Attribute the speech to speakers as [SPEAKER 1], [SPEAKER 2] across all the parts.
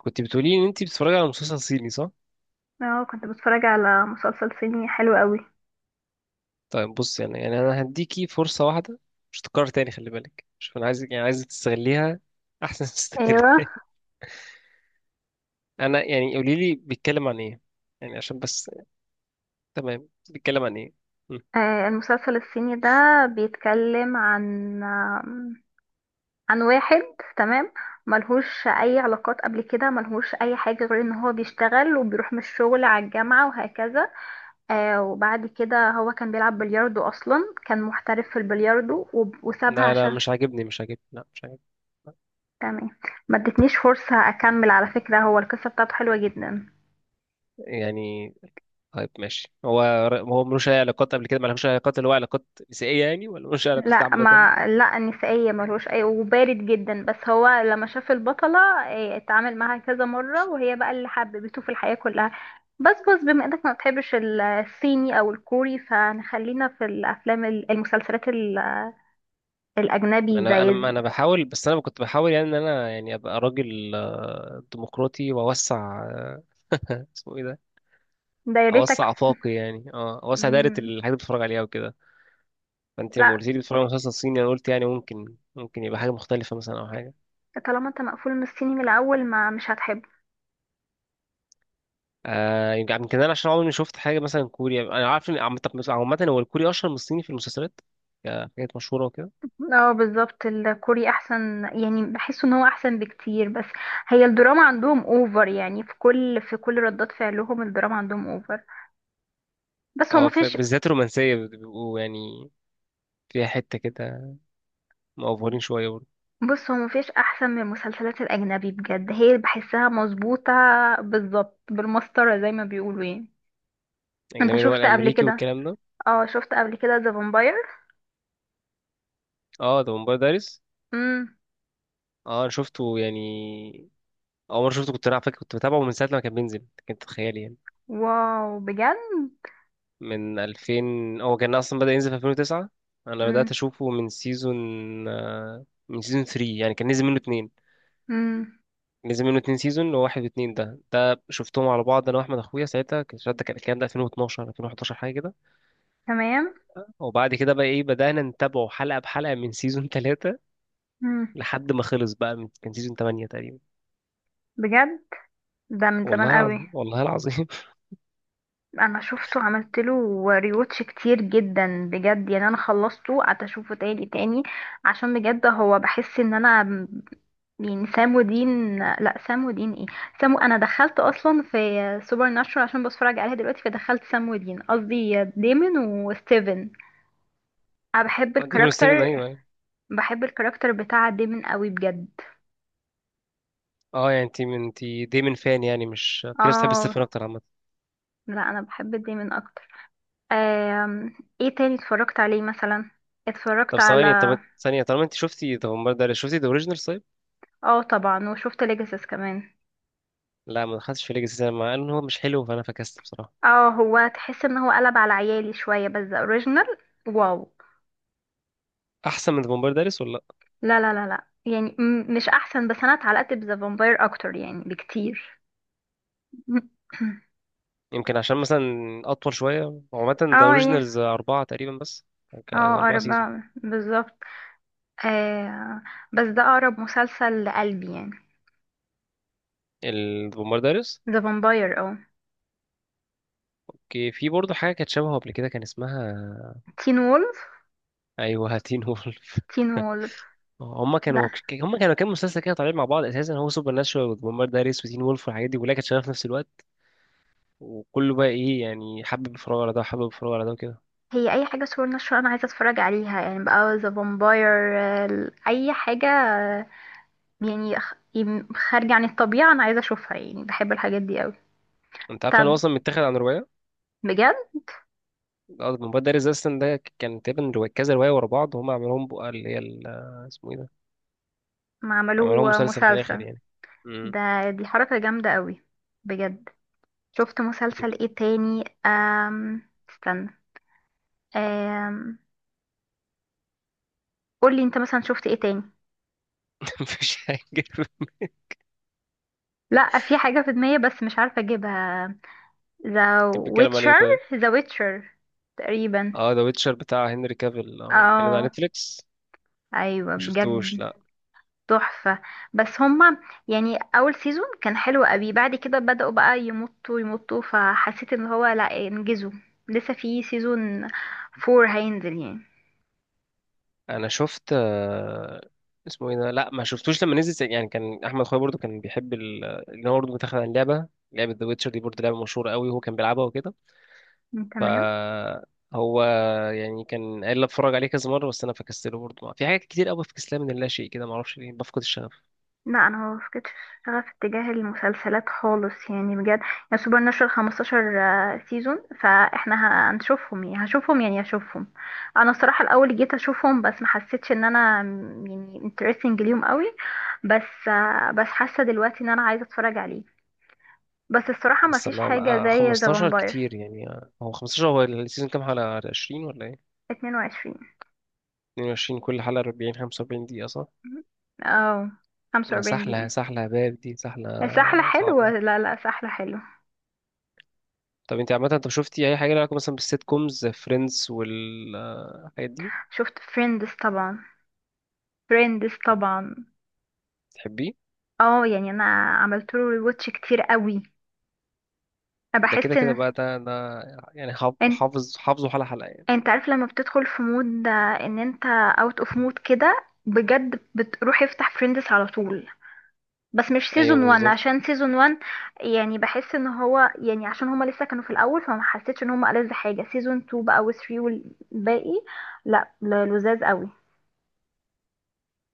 [SPEAKER 1] كنت بتقولي ان انت بتتفرجي على مسلسل صيني صح؟
[SPEAKER 2] اه، كنت بتفرج على مسلسل صيني حلو قوي.
[SPEAKER 1] طيب بص، يعني انا هديكي فرصه واحده مش هتتكرر تاني. خلي بالك، شوف، انا عايزك، عايزك تستغليها احسن ما
[SPEAKER 2] ايوه.
[SPEAKER 1] تستغلها. انا يعني قولي لي، بيتكلم عن ايه؟ يعني عشان بس. تمام، بيتكلم عن ايه؟ مم.
[SPEAKER 2] آه، المسلسل الصيني ده بيتكلم عن عن واحد. تمام. ملهوش اي علاقات قبل كده، ملهوش اي حاجة غير ان هو بيشتغل وبيروح من الشغل على الجامعة وهكذا. آه، وبعد كده هو كان بيلعب بلياردو، اصلا كان محترف في البلياردو، وسابها
[SPEAKER 1] لا لا،
[SPEAKER 2] عشان.
[SPEAKER 1] مش عاجبني، مش عاجبني، لا مش عاجبني.
[SPEAKER 2] تمام. ما ادتنيش فرصة اكمل على فكرة، هو القصة بتاعته حلوة جدا.
[SPEAKER 1] يعني طيب ماشي. هو، هو ملوش اي علاقات قبل كده؟ ملوش اي علاقات اللي هو علاقات نسائيه يعني، ولا ملوش اي علاقات
[SPEAKER 2] لا
[SPEAKER 1] عامه؟
[SPEAKER 2] ما لا نسائية، ملوش اي، وبارد جدا، بس هو لما شاف البطلة، إيه، اتعامل معاها كذا مرة، وهي بقى اللي حببته في الحياة كلها. بس بما انك ما بتحبش الصيني او الكوري، فنخلينا في الافلام المسلسلات الاجنبي،
[SPEAKER 1] انا
[SPEAKER 2] زي
[SPEAKER 1] انا انا بحاول. بس انا كنت بحاول يعني ان انا يعني ابقى راجل ديمقراطي واوسع اسمه ايه ده،
[SPEAKER 2] دايرتك.
[SPEAKER 1] اوسع افاقي يعني، اه اوسع دايره الحاجات
[SPEAKER 2] مم.
[SPEAKER 1] اللي بتفرج عليها وكده. فانت لما
[SPEAKER 2] لا،
[SPEAKER 1] قلت لي بتتفرج على مسلسل صيني، انا قلت يعني ممكن يبقى حاجه مختلفه مثلا، او حاجه.
[SPEAKER 2] طالما انت مقفول من الصيني من الاول، ما مش هتحبه.
[SPEAKER 1] آه يمكن، يمكن انا عشان عمري ما شفت حاجه مثلا. كوريا انا عارف ان عامه، عامة هو الكوري اشهر من الصيني في المسلسلات، كحاجات مشهوره وكده.
[SPEAKER 2] اه بالظبط، الكوري احسن يعني، بحس ان هو احسن بكتير، بس هي الدراما عندهم اوفر يعني، في كل ردات فعلهم الدراما عندهم اوفر. بس هو
[SPEAKER 1] اه
[SPEAKER 2] مفيش.
[SPEAKER 1] بالذات الرومانسيه بيبقوا يعني فيها حته كده مأفورين شويه برضه.
[SPEAKER 2] بص، هو مفيش احسن من المسلسلات الاجنبي بجد، هي بحسها مظبوطة بالظبط بالمسطرة زي ما بيقولوا يعني. انت
[SPEAKER 1] اجنبي اللي هو
[SPEAKER 2] شفت قبل
[SPEAKER 1] الامريكي
[SPEAKER 2] كده؟
[SPEAKER 1] والكلام ده.
[SPEAKER 2] اه شفت قبل كده ذا فامباير.
[SPEAKER 1] اه ده ممبار دارس.
[SPEAKER 2] امم.
[SPEAKER 1] اه انا شفته يعني. اول مره شفته كنت انا على فكره كنت بتابعه من ساعه ما كان بينزل، كنت تخيل يعني،
[SPEAKER 2] واو بجد.
[SPEAKER 1] من 2000. هو كان اصلا بدأ ينزل في 2009. انا بدأت
[SPEAKER 2] امم.
[SPEAKER 1] اشوفه من سيزون من سيزون 3 يعني، كان نزل منه اتنين.
[SPEAKER 2] امم.
[SPEAKER 1] نزل منه اتنين سيزون، وواحد واتنين ده شفتهم على بعض انا واحمد اخويا ساعتها. كان الشهر ده، كان الكلام ده 2012 2011 حاجه كده.
[SPEAKER 2] تمام.
[SPEAKER 1] وبعد كده بقى ايه، بدأنا نتابعه حلقه بحلقه من سيزون 3،
[SPEAKER 2] امم.
[SPEAKER 1] لحد ما خلص بقى من كان سيزون 8 تقريبا.
[SPEAKER 2] بجد، ده من
[SPEAKER 1] والله
[SPEAKER 2] زمان
[SPEAKER 1] العظيم،
[SPEAKER 2] قوي.
[SPEAKER 1] والله العظيم.
[SPEAKER 2] انا شفته عملت له ريوتش كتير جدا بجد يعني، انا خلصته قعدت اشوفه تاني تاني، عشان بجد هو بحس ان انا يعني. سام ودين، لا سام ودين ايه، سام. انا دخلت اصلا في سوبر ناتشورال عشان بتفرج عليها دلوقتي، فدخلت سام ودين، قصدي ديمون وستيفن. انا بحب
[SPEAKER 1] ديمون ستيفن،
[SPEAKER 2] الكاركتر.
[SPEAKER 1] ايوه ايوه.
[SPEAKER 2] بحب الكاركتر بتاع ديمون قوي بجد.
[SPEAKER 1] اه يعني انت دايما فان يعني، مش في ناس بتحب ستيفن
[SPEAKER 2] اه.
[SPEAKER 1] اكتر عامه.
[SPEAKER 2] لا انا بحب ديمون اكتر. آم، ايه تاني اتفرجت عليه مثلا؟ اتفرجت
[SPEAKER 1] طب
[SPEAKER 2] على.
[SPEAKER 1] ثواني، طب ثانية طالما انت شفتي طب بومبار دارس، شفتي ذا اوريجينال طيب؟
[SPEAKER 2] اه طبعا، وشفت ليجاسيس كمان.
[SPEAKER 1] لا ما دخلتش في ليجاسي سينما، مع ان هو مش حلو فانا فكست بصراحة.
[SPEAKER 2] اه هو تحس ان هو قلب على عيالي شويه، بس ذا اوريجينال. واو.
[SPEAKER 1] احسن من بومبار دارس ولا لا؟
[SPEAKER 2] لا لا لا لا. يعني مش احسن، بس انا اتعلقت بذا فامباير اكتر يعني بكتير.
[SPEAKER 1] يمكن عشان مثلا اطول شوية. هو عامة ذا
[SPEAKER 2] اه ايه.
[SPEAKER 1] اوريجينالز اربعة تقريبا بس،
[SPEAKER 2] اه
[SPEAKER 1] كان اربعة
[SPEAKER 2] اقرب
[SPEAKER 1] سيزون.
[SPEAKER 2] بقى، بالظبط. آه. بس ده اقرب مسلسل لقلبي يعني.
[SPEAKER 1] البومبار دارس.
[SPEAKER 2] ذا فامباير اه.
[SPEAKER 1] اوكي في برضه حاجة كانت شبهه قبل كده كان اسمها
[SPEAKER 2] تين وولف.
[SPEAKER 1] ايوه، هاتين وولف.
[SPEAKER 2] تين وولف.
[SPEAKER 1] هما كانوا
[SPEAKER 2] لا،
[SPEAKER 1] هما كانوا كام مسلسل كده طالعين مع بعض اساسا. هو سوبر ناتشورال وبومبار دارس وتين وولف والحاجات دي كلها كانت شغالة في نفس الوقت. وكله بقى ايه يعني، حابب يتفرج على ده وحابب يتفرج على ده وكده.
[SPEAKER 2] هي اي حاجه صور نشر انا عايزه اتفرج عليها يعني بقى ذا فامباير، اي حاجه يعني خارجة عن الطبيعة، أنا عايزة أشوفها يعني، بحب الحاجات دي قوي.
[SPEAKER 1] انت عارف ان
[SPEAKER 2] طب.
[SPEAKER 1] هو اصلا متاخد عن روايه؟
[SPEAKER 2] بجد.
[SPEAKER 1] الموبايل ده ريزيستنت ده كان تقريبا كذا روايه ورا بعض، هم عملوهم بقى اللي هي اسمه ايه ده،
[SPEAKER 2] ما
[SPEAKER 1] عملوهم
[SPEAKER 2] عملوه
[SPEAKER 1] مسلسل في الاخر
[SPEAKER 2] مسلسل.
[SPEAKER 1] يعني. امم.
[SPEAKER 2] ده دي حركة جامدة قوي. بجد. شفت
[SPEAKER 1] انت،
[SPEAKER 2] مسلسل ايه تاني استنى. أم... قولي انت مثلا شفت ايه تاني.
[SPEAKER 1] مفيش حاجه.
[SPEAKER 2] لا في حاجة في دماغي بس مش عارفة اجيبها. ذا
[SPEAKER 1] كان بيتكلم عن ايه
[SPEAKER 2] ويتشر.
[SPEAKER 1] طيب؟
[SPEAKER 2] ذا ويتشر تقريبا.
[SPEAKER 1] اه ذا ويتشر بتاع هنري كافيل، اه كان ده على
[SPEAKER 2] اه
[SPEAKER 1] نتفليكس.
[SPEAKER 2] ايوه
[SPEAKER 1] ما شفتوش
[SPEAKER 2] بجد.
[SPEAKER 1] لا.
[SPEAKER 2] تحفة. بس هما يعني أول سيزون كان حلو قوي، بعد كده بدأوا بقى يمطوا يمطوا، فحسيت ان هو لا انجزوا. لسه في سيزون فور هينزل يعني.
[SPEAKER 1] انا شفت اسمه ايه ده. لا ما شفتوش لما نزل يعني. كان احمد خوي برضو كان بيحب اللي هو برضو متاخد عن لعبه. ذا ويتشر دي برضو لعبه مشهوره قوي وهو كان بيلعبها وكده.
[SPEAKER 2] تمام.
[SPEAKER 1] فهو يعني كان قال لي اتفرج عليه كذا مره، بس انا فكستله برضه. في حاجات كتير قوي بفكسلها من اللا شيء كده، ما اعرفش ليه، بفقد الشغف.
[SPEAKER 2] لا انا ما فقدتش شغف اتجاه المسلسلات خالص يعني بجد. يعني سوبر ناتشورال 15 سيزون، فاحنا هنشوفهم يعني، هشوفهم يعني، هشوفهم. انا الصراحة الاول جيت اشوفهم بس ما حسيتش ان انا يعني انترستنج ليهم قوي، بس بس حاسة دلوقتي ان انا عايزة اتفرج عليه، بس الصراحة ما
[SPEAKER 1] بس
[SPEAKER 2] فيش حاجة زي ذا
[SPEAKER 1] 15
[SPEAKER 2] فامباير.
[SPEAKER 1] كتير يعني. هو 15 هو السيزون كام حلقه، 20 ولا ايه؟
[SPEAKER 2] 22
[SPEAKER 1] 22 كل حلقه 40 45 دقيقه صح؟
[SPEAKER 2] او
[SPEAKER 1] ما
[SPEAKER 2] 45
[SPEAKER 1] سحله،
[SPEAKER 2] دقيقة.
[SPEAKER 1] سحله يا باب، دي سحله
[SPEAKER 2] سحلة حلوة،
[SPEAKER 1] صعبه.
[SPEAKER 2] لا لا سحلة حلوة.
[SPEAKER 1] طب انت عامه، انت شفتي اي حاجه لها علاقه مثلا بالسيت كومز، فريندز والحاجات دي؟
[SPEAKER 2] شفت فريندز طبعا. فريندز طبعا.
[SPEAKER 1] تحبيه؟
[SPEAKER 2] اه يعني انا عملت له ريواتش كتير قوي. انا
[SPEAKER 1] ده
[SPEAKER 2] بحس
[SPEAKER 1] كده كده
[SPEAKER 2] ان
[SPEAKER 1] بقى، ده يعني حافظ
[SPEAKER 2] ان-
[SPEAKER 1] حافظ حافظه حلقه حلقه يعني.
[SPEAKER 2] انت عارف لما بتدخل في مود ان انت اوت اوف مود كده بجد، بتروح افتح فريندز على طول. بس مش
[SPEAKER 1] ايوه
[SPEAKER 2] سيزون 1،
[SPEAKER 1] بالظبط.
[SPEAKER 2] عشان سيزون 1 يعني بحس ان هو يعني عشان هما لسه كانوا في الاول، فما حسيتش ان هما ألذ حاجه. سيزون 2 بقى و3 والباقي، لا لا، لذاذ قوي.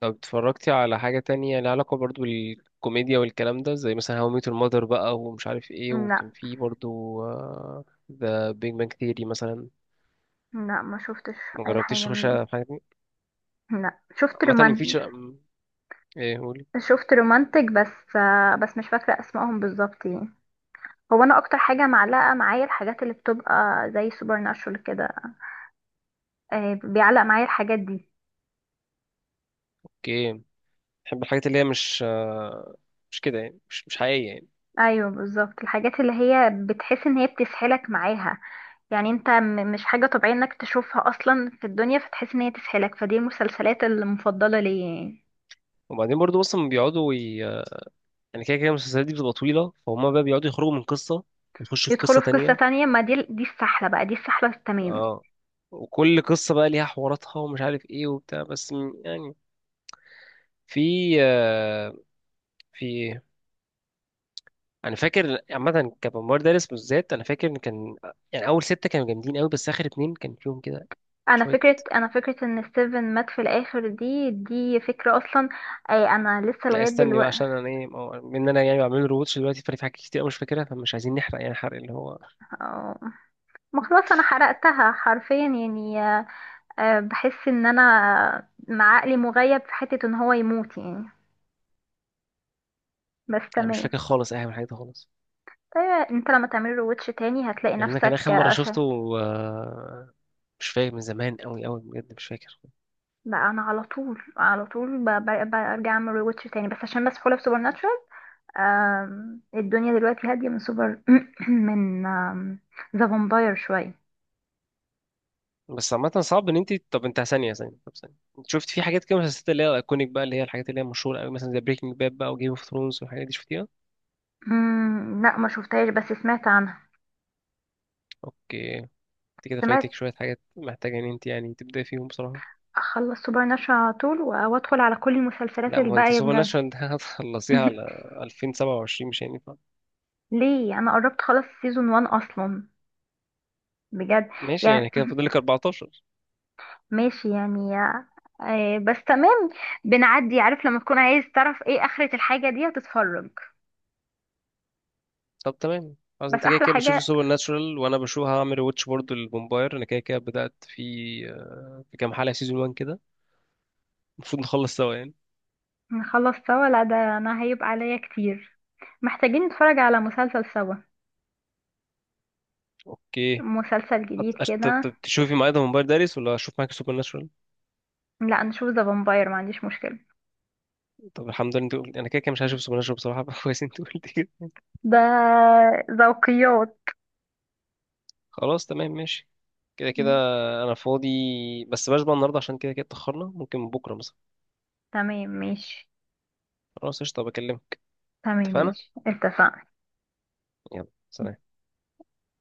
[SPEAKER 1] طب اتفرجتي على حاجة تانية لها علاقة برضو بالكوميديا والكلام ده، زي مثلا هاو ميت المادر بقى ومش عارف ايه،
[SPEAKER 2] لا.
[SPEAKER 1] وكان في برضو ذا بيج بانج ثيري مثلا؟
[SPEAKER 2] لا ما شفتش
[SPEAKER 1] ما
[SPEAKER 2] اي حاجه
[SPEAKER 1] جربتيش
[SPEAKER 2] من
[SPEAKER 1] تخش
[SPEAKER 2] دول.
[SPEAKER 1] على حاجة دي؟
[SPEAKER 2] لا شفت
[SPEAKER 1] عامة
[SPEAKER 2] رومان.
[SPEAKER 1] مفيش ايه قولي.
[SPEAKER 2] شفت رومانتك، بس بس مش فاكره اسمائهم بالظبط يعني. هو انا اكتر حاجه معلقه معايا الحاجات اللي بتبقى زي سوبر ناتشورال كده، بيعلق معايا الحاجات دي.
[SPEAKER 1] اوكي. بحب الحاجات اللي هي مش مش كده يعني، مش مش حقيقية يعني.
[SPEAKER 2] ايوه بالظبط، الحاجات اللي هي بتحس ان هي بتسحلك معاها يعني، انت مش حاجة طبيعية انك تشوفها اصلا في الدنيا، فتحس ان هي تسحلك، فدي المسلسلات المفضلة ليا يعني.
[SPEAKER 1] وبعدين برضو اصلا بيقعدوا يعني كده كده المسلسلات دي بتبقى طويلة، فهم بقى بيقعدوا يخرجوا من قصة، يخشوا في
[SPEAKER 2] يدخلوا
[SPEAKER 1] قصة
[SPEAKER 2] في قصة
[SPEAKER 1] تانية.
[SPEAKER 2] تانية، ما دي السحلة بقى، دي السحلة التمام.
[SPEAKER 1] اه. وكل قصة بقى ليها حواراتها ومش عارف ايه وبتاع، بس يعني في في ايه، انا فاكر عامه كممر دارس بالذات. انا فاكر ان كان يعني اول سته كانوا جامدين قوي، بس اخر اتنين كان فيهم كده
[SPEAKER 2] انا
[SPEAKER 1] شويه.
[SPEAKER 2] فكرة انا فكرة ان ستيفن مات في الاخر، دي فكرة اصلا. اي انا لسه
[SPEAKER 1] لا
[SPEAKER 2] لغاية
[SPEAKER 1] استني بقى
[SPEAKER 2] دلوقتي.
[SPEAKER 1] عشان انا ايه، ما هو- ان انا يعني بعمل له روتش دلوقتي، فانا في حاجات كتير أوي مش فاكرها، فمش عايزين نحرق يعني، حرق اللي هو.
[SPEAKER 2] آه، ما خلاص انا حرقتها حرفيا يعني. بحس ان انا مع عقلي مغيب في حتة ان هو يموت يعني، بس
[SPEAKER 1] انا مش فاكر
[SPEAKER 2] تمام.
[SPEAKER 1] خالص اي حاجه من الحاجات دي خالص.
[SPEAKER 2] ايوه، انت لما تعملي روتش تاني هتلاقي
[SPEAKER 1] لان انا كان
[SPEAKER 2] نفسك،
[SPEAKER 1] اخر مره شفته آه، مش فاكر، من زمان قوي قوي بجد، مش فاكر.
[SPEAKER 2] بقى انا على طول على طول برجع اعمل روتش تاني بس عشان مسحولة في سوبر ناتشورال. الدنيا دلوقتي هادية من سوبر من ذا فامباير شوية.
[SPEAKER 1] بس عامة صعب ان انت، طب انت ثانية ثانية طب ثانية، انت شفت في حاجات كده مسلسلات اللي هي الايكونيك بقى، اللي هي الحاجات اللي هي مشهورة قوي، مثلا زي بريكنج باد بقى وجيم اوف ثرونز والحاجات دي، شفتيها؟
[SPEAKER 2] مم. لا ما شفتهاش بس سمعت عنها.
[SPEAKER 1] اوكي انت كده فايتك
[SPEAKER 2] سمعت.
[SPEAKER 1] شوية حاجات محتاجة ان انت يعني تبدأي فيهم بصراحة.
[SPEAKER 2] اخلص سوبر ناتشورال على طول وادخل على كل المسلسلات
[SPEAKER 1] لا ما هو انت
[SPEAKER 2] الباقية
[SPEAKER 1] سوبر
[SPEAKER 2] بجد.
[SPEAKER 1] ناتشورال ده هتخلصيها على 2027، مش هينفع.
[SPEAKER 2] ليه؟ انا قربت خلاص سيزون 1 اصلا. بجد
[SPEAKER 1] ماشي يعني
[SPEAKER 2] يعني.
[SPEAKER 1] كده فاضلك 14.
[SPEAKER 2] ماشي يعني، بس تمام. بنعدي، عارف لما تكون عايز تعرف ايه آخرة الحاجة دي، هتتفرج.
[SPEAKER 1] طب تمام خلاص،
[SPEAKER 2] بس
[SPEAKER 1] انت كده
[SPEAKER 2] أحلى
[SPEAKER 1] كده بتشوفي
[SPEAKER 2] حاجة.
[SPEAKER 1] سوبر ناتشورال، وانا بشوف هعمل واتش برضه للفامباير، انا كده كده بدأت في في كام حلقة سيزون 1 كده. المفروض نخلص سوا يعني.
[SPEAKER 2] نخلص سوا؟ لا ده أنا هيبقى عليا كتير. محتاجين نتفرج على مسلسل سوا،
[SPEAKER 1] اوكي.
[SPEAKER 2] مسلسل جديد كده.
[SPEAKER 1] تشوفي معايا ده موبايل داريس، ولا اشوف معاك سوبر ناتشورال؟
[SPEAKER 2] لا نشوف ذا فامباير، ما عنديش مشكلة.
[SPEAKER 1] طب الحمد لله انت قلت، انا كده كده مش هشوف سوبر ناتشورال بصراحه. كويس انت قلت كده.
[SPEAKER 2] ده ذوقيات.
[SPEAKER 1] خلاص تمام ماشي. كده كده
[SPEAKER 2] مم.
[SPEAKER 1] انا فاضي، بس بلاش بقى النهارده عشان كده كده اتاخرنا، ممكن بكره مثلا.
[SPEAKER 2] تمام ماشي.
[SPEAKER 1] خلاص قشطه، بكلمك.
[SPEAKER 2] تمام
[SPEAKER 1] اتفقنا.
[SPEAKER 2] ماشي، اتفقنا.
[SPEAKER 1] يلا سلام.